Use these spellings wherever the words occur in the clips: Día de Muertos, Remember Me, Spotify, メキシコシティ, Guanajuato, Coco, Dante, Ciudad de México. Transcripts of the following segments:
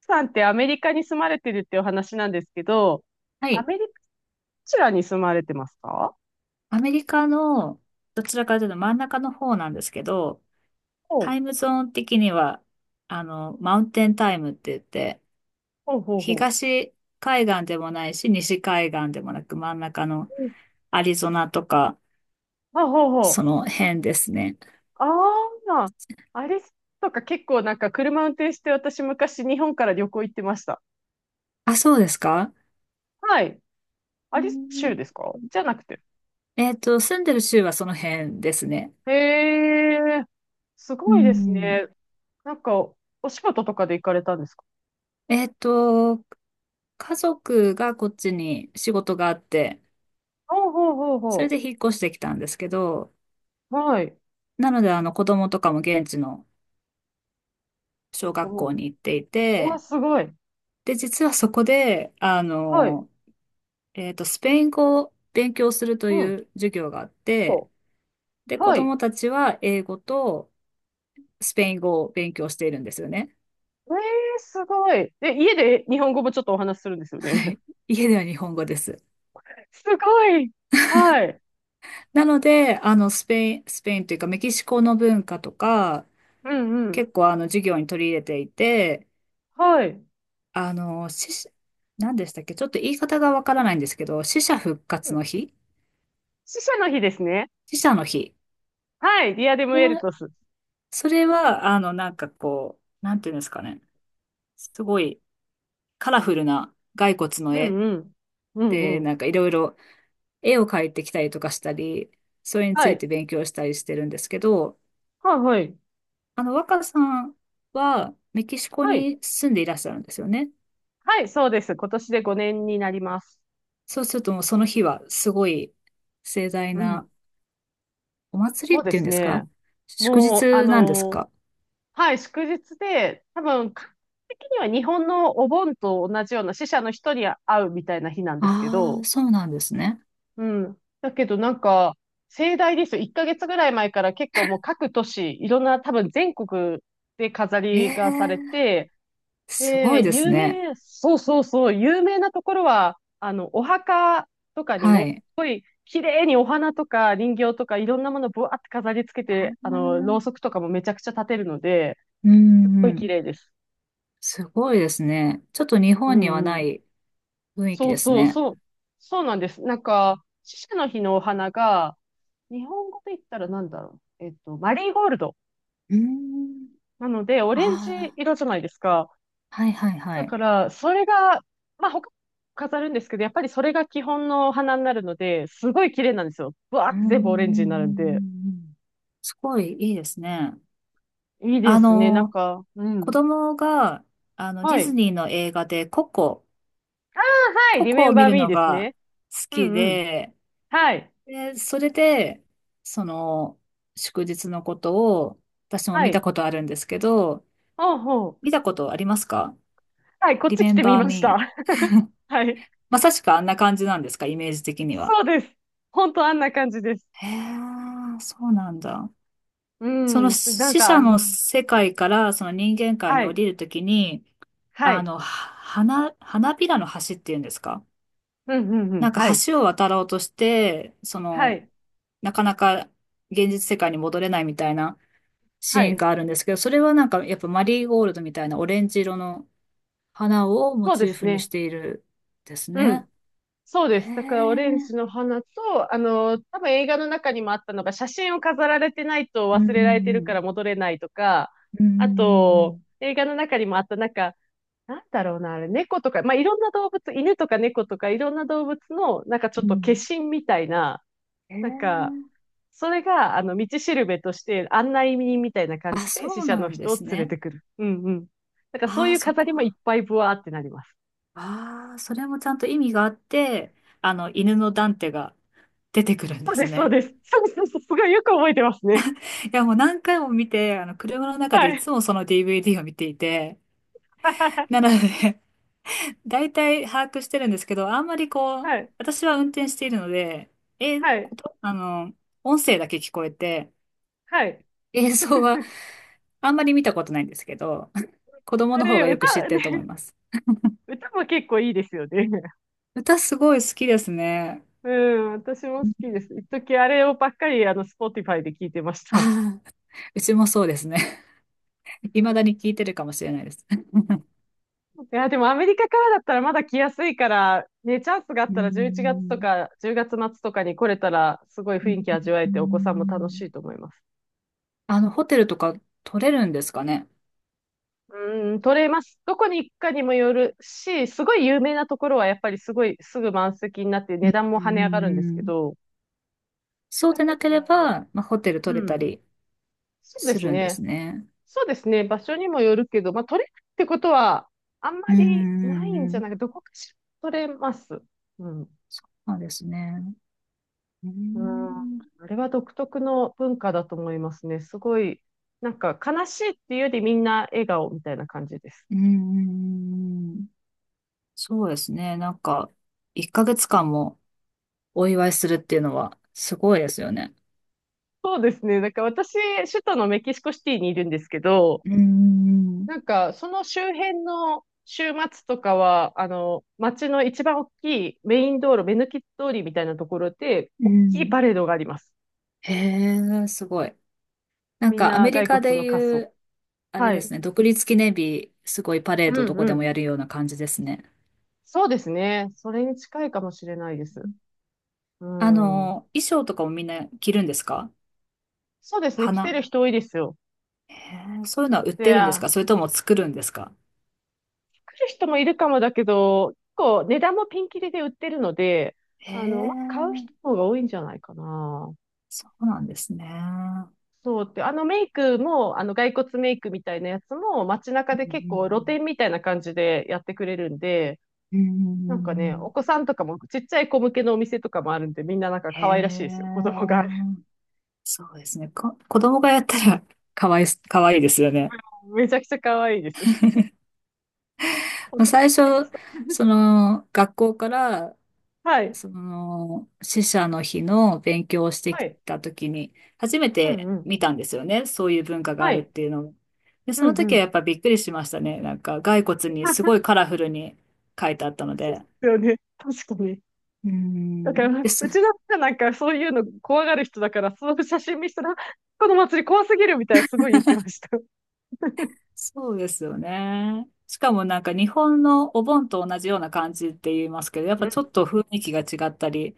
さんってアメリカに住まれてるっていうお話なんですけど、はアい。メリカ、どちらに住まれてますか？アメリカの、どちらかというと真ん中の方なんですけど、ほう、タイムゾーン的には、マウンテンタイムって言って、ほうほうほ東海岸でもないし、西海岸でもなく、真ん中のう。うん。アリゾナとか、あ、ほうほそう。の辺ですね。あ、あ、あれとか結構車運転して私昔日本から旅行行ってました。あ、そうですか。はい。うアリゾナ州ん。ですか、じゃなくて。住んでる州はその辺ですね。へえ、すうごいですん。ね。なんか、お仕事とかで行かれたんですか？えっと、家族がこっちに仕事があって、ほうほうほうそれほで引っ越してきたんですけど、う。はい。なので、子供とかも現地の小学おう、校に行っていうわ、て、すごい。で、実はそこで、はい。スペイン語を勉強するとうん。いう授業があって、そで、う。子はい。供たちは英語とスペイン語を勉強しているんですよね。えー、すごい。で、家で日本語もちょっとお話しするんです よはね。い。家では日本語です。すごい。はい。なので、スペインというかメキシコの文化とか、うんうん。結構授業に取り入れていて、はい。あの、し、何でしたっけ、ちょっと言い方がわからないんですけど、死者復活の日。死者の日ですね。死者の日。はい。ディアデムエルまあ、トス。それは、なんかこう、なんていうんですかね。すごいカラフルな骸骨のう絵んうん。うんで、うん。なんかいろいろ絵を描いてきたりとかしたり、それにつはいい。て勉強したりしてるんですけど、はいはい。若さんはメキシコはい。に住んでいらっしゃるんですよね。はい、そうです。今年で5年になります。そうするともうその日はすごい盛大うん。なお祭そりうっでていうんすですね。か？祝もう、日なんですか？はい、祝日で、多分、感覚的には日本のお盆と同じような死者の人に会うみたいな日なんですけああど、ー、そうなんですね。うん。だけど盛大ですよ。1ヶ月ぐらい前から結構もう各都市、いろんな多分全国で飾えりえ、がされて、すごいで、です有ね。名、そうそうそう、有名なところは、お墓とかにはも、い。綺麗にお花とか人形とかいろんなものぶわって飾り付けて、ろうそくとかもめちゃくちゃ立てるので、うん、すっごうい綺ん。麗です。すごいですね。ちょっと日う本にはんうなん。い雰囲気そうですそうね。そう。そうなんです。死者の日のお花が、日本語で言ったらなんだろう。えっと、マリーゴールド。うん。なので、オレンジあ色じゃないですか。あ、はい、はい、はだい。から、それが、まあ、他に飾るんですけど、やっぱりそれが基本の花になるので、すごい綺麗なんですよ。ブワーうってん、うん、う全部オレンジになるんで。ん、うん。すごいいいですね。いいであすね。の、う子ん。供が、ディはズい。ニーの映画でココ、あ、はい、コリコメをン見バーるミーのですがね。好うきんうん。で、はい。で、それで、その、祝日のことを、私もは見たい。ことあるんですけど、ほうほう。見たことありますか？ はい、こっち来てみ Remember ました。Me はい。まさしくあんな感じなんですか、イメージ的には。そうです。ほんとあんな感じです。へえ、そうなんだ。うそのん、す、なん死か者のね。世界からその人間界には降い。りるときに、はい。花びらの橋っていうんですか？うんうんうん。なんかはい。橋を渡ろうとして、そはの、い。なかなか現実世界に戻れないみたいなシはーンい。があるんですけど、それはなんかやっぱマリーゴールドみたいなオレンジ色の花をモそうでチーすフにしね。ているですうね。ん。そうでへす。だから、オレンジえ。の花と、多分映画の中にもあったのが、写真を飾られてないとうん、忘れられてるうかん、ら戻れないとか、うん。うん、うあん、うん、うと、ん、映画の中にもあった、なんだろうな、あれ、猫とか、まあ、いろんな動物、犬とか猫とか、いろんな動物の、ちょっうと化ん。身みたいな、えなんか、ー、それが、道しるべとして、案内人みたいな感あ、じで、そ死う者なのんで人をす連れね。てくる。うんうん。そうあいあ、うそ飾こ。りもいっぱいブワーってなります。ああ、それもちゃんと意味があって、犬のダンテが出てくるんそでうですす、そうね。です。そうそうそう、すごいよく覚えてますね。いや、もう何回も見て、車の中ではいい。つもその DVD を見ていて、なの で、大体把握してるんですけど、あんまりこう、はい。私は運転しているので、え、はこい。とあの、音声だけ聞こえて、はい。映像は あんまり見たことないんですけど、子供あの方れ、がよく知っ歌、てね、ると思います。歌も結構いいですよね。歌すごい好きですね。うん、私も好きです。一時あれをばっかり、Spotify で聞いてましあた。あ、うちもそうですね。未だに聞いてるかもしれないです。いや、でもアメリカからだったらまだ来やすいから、ね、チャンスがあっうーたら11月とん。か10月末とかに来れたら、すごい雰う囲気味わえーてお子さんも楽しん。いと思います。ホテルとか取れるんですかね。うん、取れます。どこに行くかにもよるし、すごい有名なところはやっぱりすごいすぐ満席になってう値ん、段もう跳ね上がるんですん、けうん。ど、そうだでけなけれど、ば、まあ、ホテルう取れたん、りそうですするんですね。ね。そうですね。場所にもよるけど、まあ、取れるってことはあんうまん、うりないんん、じうゃないん。か、どこかしら取れます。うん。そうなんですね。うーうん。あん。れは独特の文化だと思いますね。すごい、悲しいっていうよりみんな笑顔みたいな感じです。うん、うん、うん。そうですね。なんか、1ヶ月間もお祝いするっていうのはすごいですよね。そうですね。私、首都のメキシコシティにいるんですけど、うん、うん、その周辺の週末とかは、街の一番大きいメイン道路、目抜き通りみたいなところで、うん。大うきいパん。レードがあります。へえ、すごい。なんみんかアなメリ骸カ骨での仮い装。う、あれはでい。すね、独立記念日、すごいパレうードどんこうでもん。やるような感じですね。そうですね。それに近いかもしれないです。うん。衣装とかもみんな着るんですか？そうですね。来て花。る人多いですよ。へえ、そういうのは売ってで、るんですか、あそれとも作るんですか？来る人もいるかもだけど、結構値段もピンキリで売ってるので、へ買う人え、の方が多いんじゃないかな。そうなんですね。そうって、あのメイクも、あの骸骨メイクみたいなやつも街中うで結構露ん、店みたいな感じでやってくれるんで、うん、うん。うん、うん、うおん。子さんとかもちっちゃい子向けのお店とかもあるんで、みんなへ可愛らしいですよ、子供が。え、そうですね。子供がやったら かわいいですよね。めちゃくちゃ可愛いです。大人最めっち初、ゃ。 その、学校から はい、その、死者の日の勉強をしてはきい、た時に、初めうんてうん、見たんですよね。そういう文化があはるっい、ていうのを。で、うそんのう時はやっん。ぱびっくりしましたね。なんか、骸骨にすごいカ ラフルに書いてあったのそうで。ですよね、確かに。うーだから、ん。で、そ、うちの人なんかそういうの怖がる人だから、その写真見せたら、この祭り怖すぎるみたいなすごい言ってました。そうですよね。しかもなんか日本のお盆と同じような感じって言いますけど、やっぱうちょん、っと雰囲気が違ったり、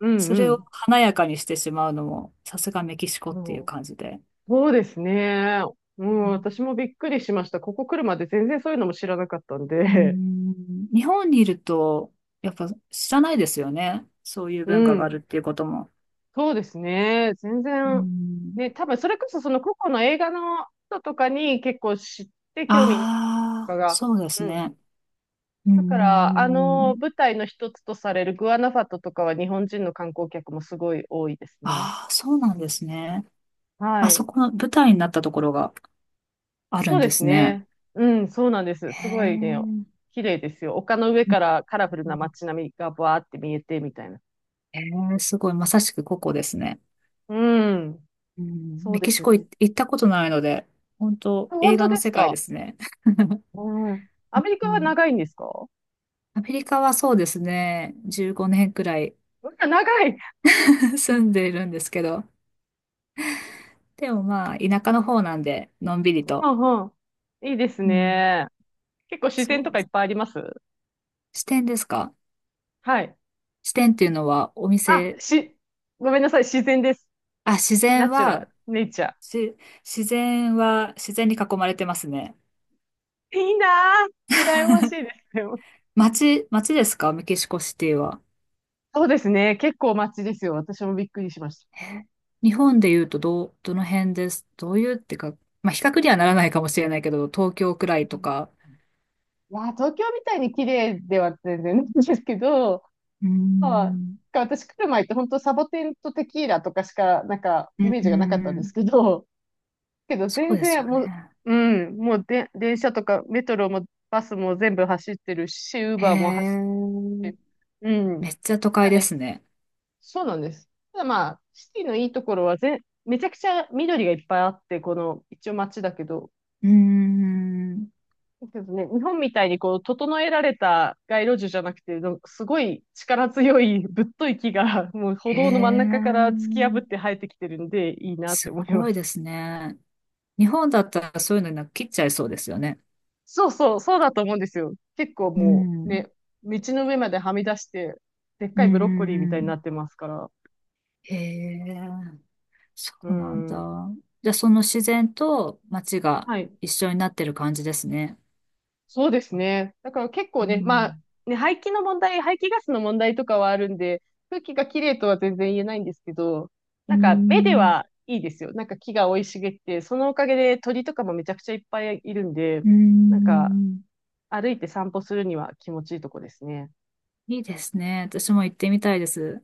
うん、そうれをん。華やかにしてしまうのも、さすがメキシコっていうそ感じで。う、そうですね。うん、私もびっくりしました。ここ来るまで全然そういうのも知らなかったんうーで。ん、日本にいると、やっぱ知らないですよね。そうい うう文化があるん、っていうことも。そうですね。全うー然、ん、ね、多分それこそその個々の映画の人とかに結構知って興味とあかあ、が。そうですうん。ね。うーだから、あのん、舞台の一つとされるグアナファトとかは日本人の観光客もすごい多いですね。ああ、そうなんですね。はあそい。この舞台になったところがあるそうんでですすね。ね。うん、そうなんです。へすごえ、いね、う綺麗ですよ。丘の上からカラフルな街ん。並みがバーって見えてみたいな。へえ、すごい、まさしくここですね。うん、うん、そうメでキシすコ行ね。行ったことないので、本当映本当画のです世界か。ですね。うん。アうメリカはん。長いんですか？うアメリカはそうですね、15年くらい わ、長い。住んでいるんですけど、でもまあ、田舎の方なんで、のんびりうと。んうん。いいですうん。ね。結構自然そとうかでいっす。ぱいあります？支店ですか？はい。支店っていうのは、おあ、店、し、ごめんなさい。自然です。あ、自然ナチュラル。は、ネイチャし、自然は、自然に囲まれてますね。ー。いいなぁ。羨ましいですよ。街ですか、メキシコシティは？そうですね。結構街ですよ。私もびっくりしましえ日本で言うと、どの辺です。どういうってか、まあ、比較にはならないかもしれないけど、東京くらいとた。か。いやー、東京みたいに綺麗では全然ないんですけど、うー まあ、ん。か、私来る前って本当サボテンとテキーラとかしか、うイん、メーうジん、がなかったんうですけん。ど、けどそう全です然よもう、ね。うん、もうで、電車とかメトロもバスも全部走ってるし、ウーへバーも走っえ。て、うん。めっちゃ都まあ会でね、すね。そうなんです。ただまあ、シティのいいところは全、めちゃくちゃ緑がいっぱいあって、この、一応街だけど、うーん。ですね、日本みたいにこう、整えられた街路樹じゃなくて、すごい力強いぶっとい木が、もう歩へ道の真ん中から突き破っえ。て生えてきてるんで、いいなっすて思いまごいです。すね。日本だったらそういうのなんか切っちゃいそうですよね。そうそう、そうだと思うんですよ。結構うもうん。ね、道の上まではみ出して、でっうかん、いブロッコリーみうん、うたいになん。ってますから。へえ。そううなんだ。ん。じゃあその自然と街がはい。一緒になってる感じですね。そうですね。だから結う構ね、まあ、ん。ね、排気の問題、排気ガスの問題とかはあるんで、空気がきれいとは全然言えないんですけど、う目でん。はいいですよ。木が生い茂って、そのおかげで鳥とかもめちゃくちゃいっぱいいるんで、うなんかん。歩いて散歩するには気持ちいいとこですね。いいですね。私も行ってみたいです。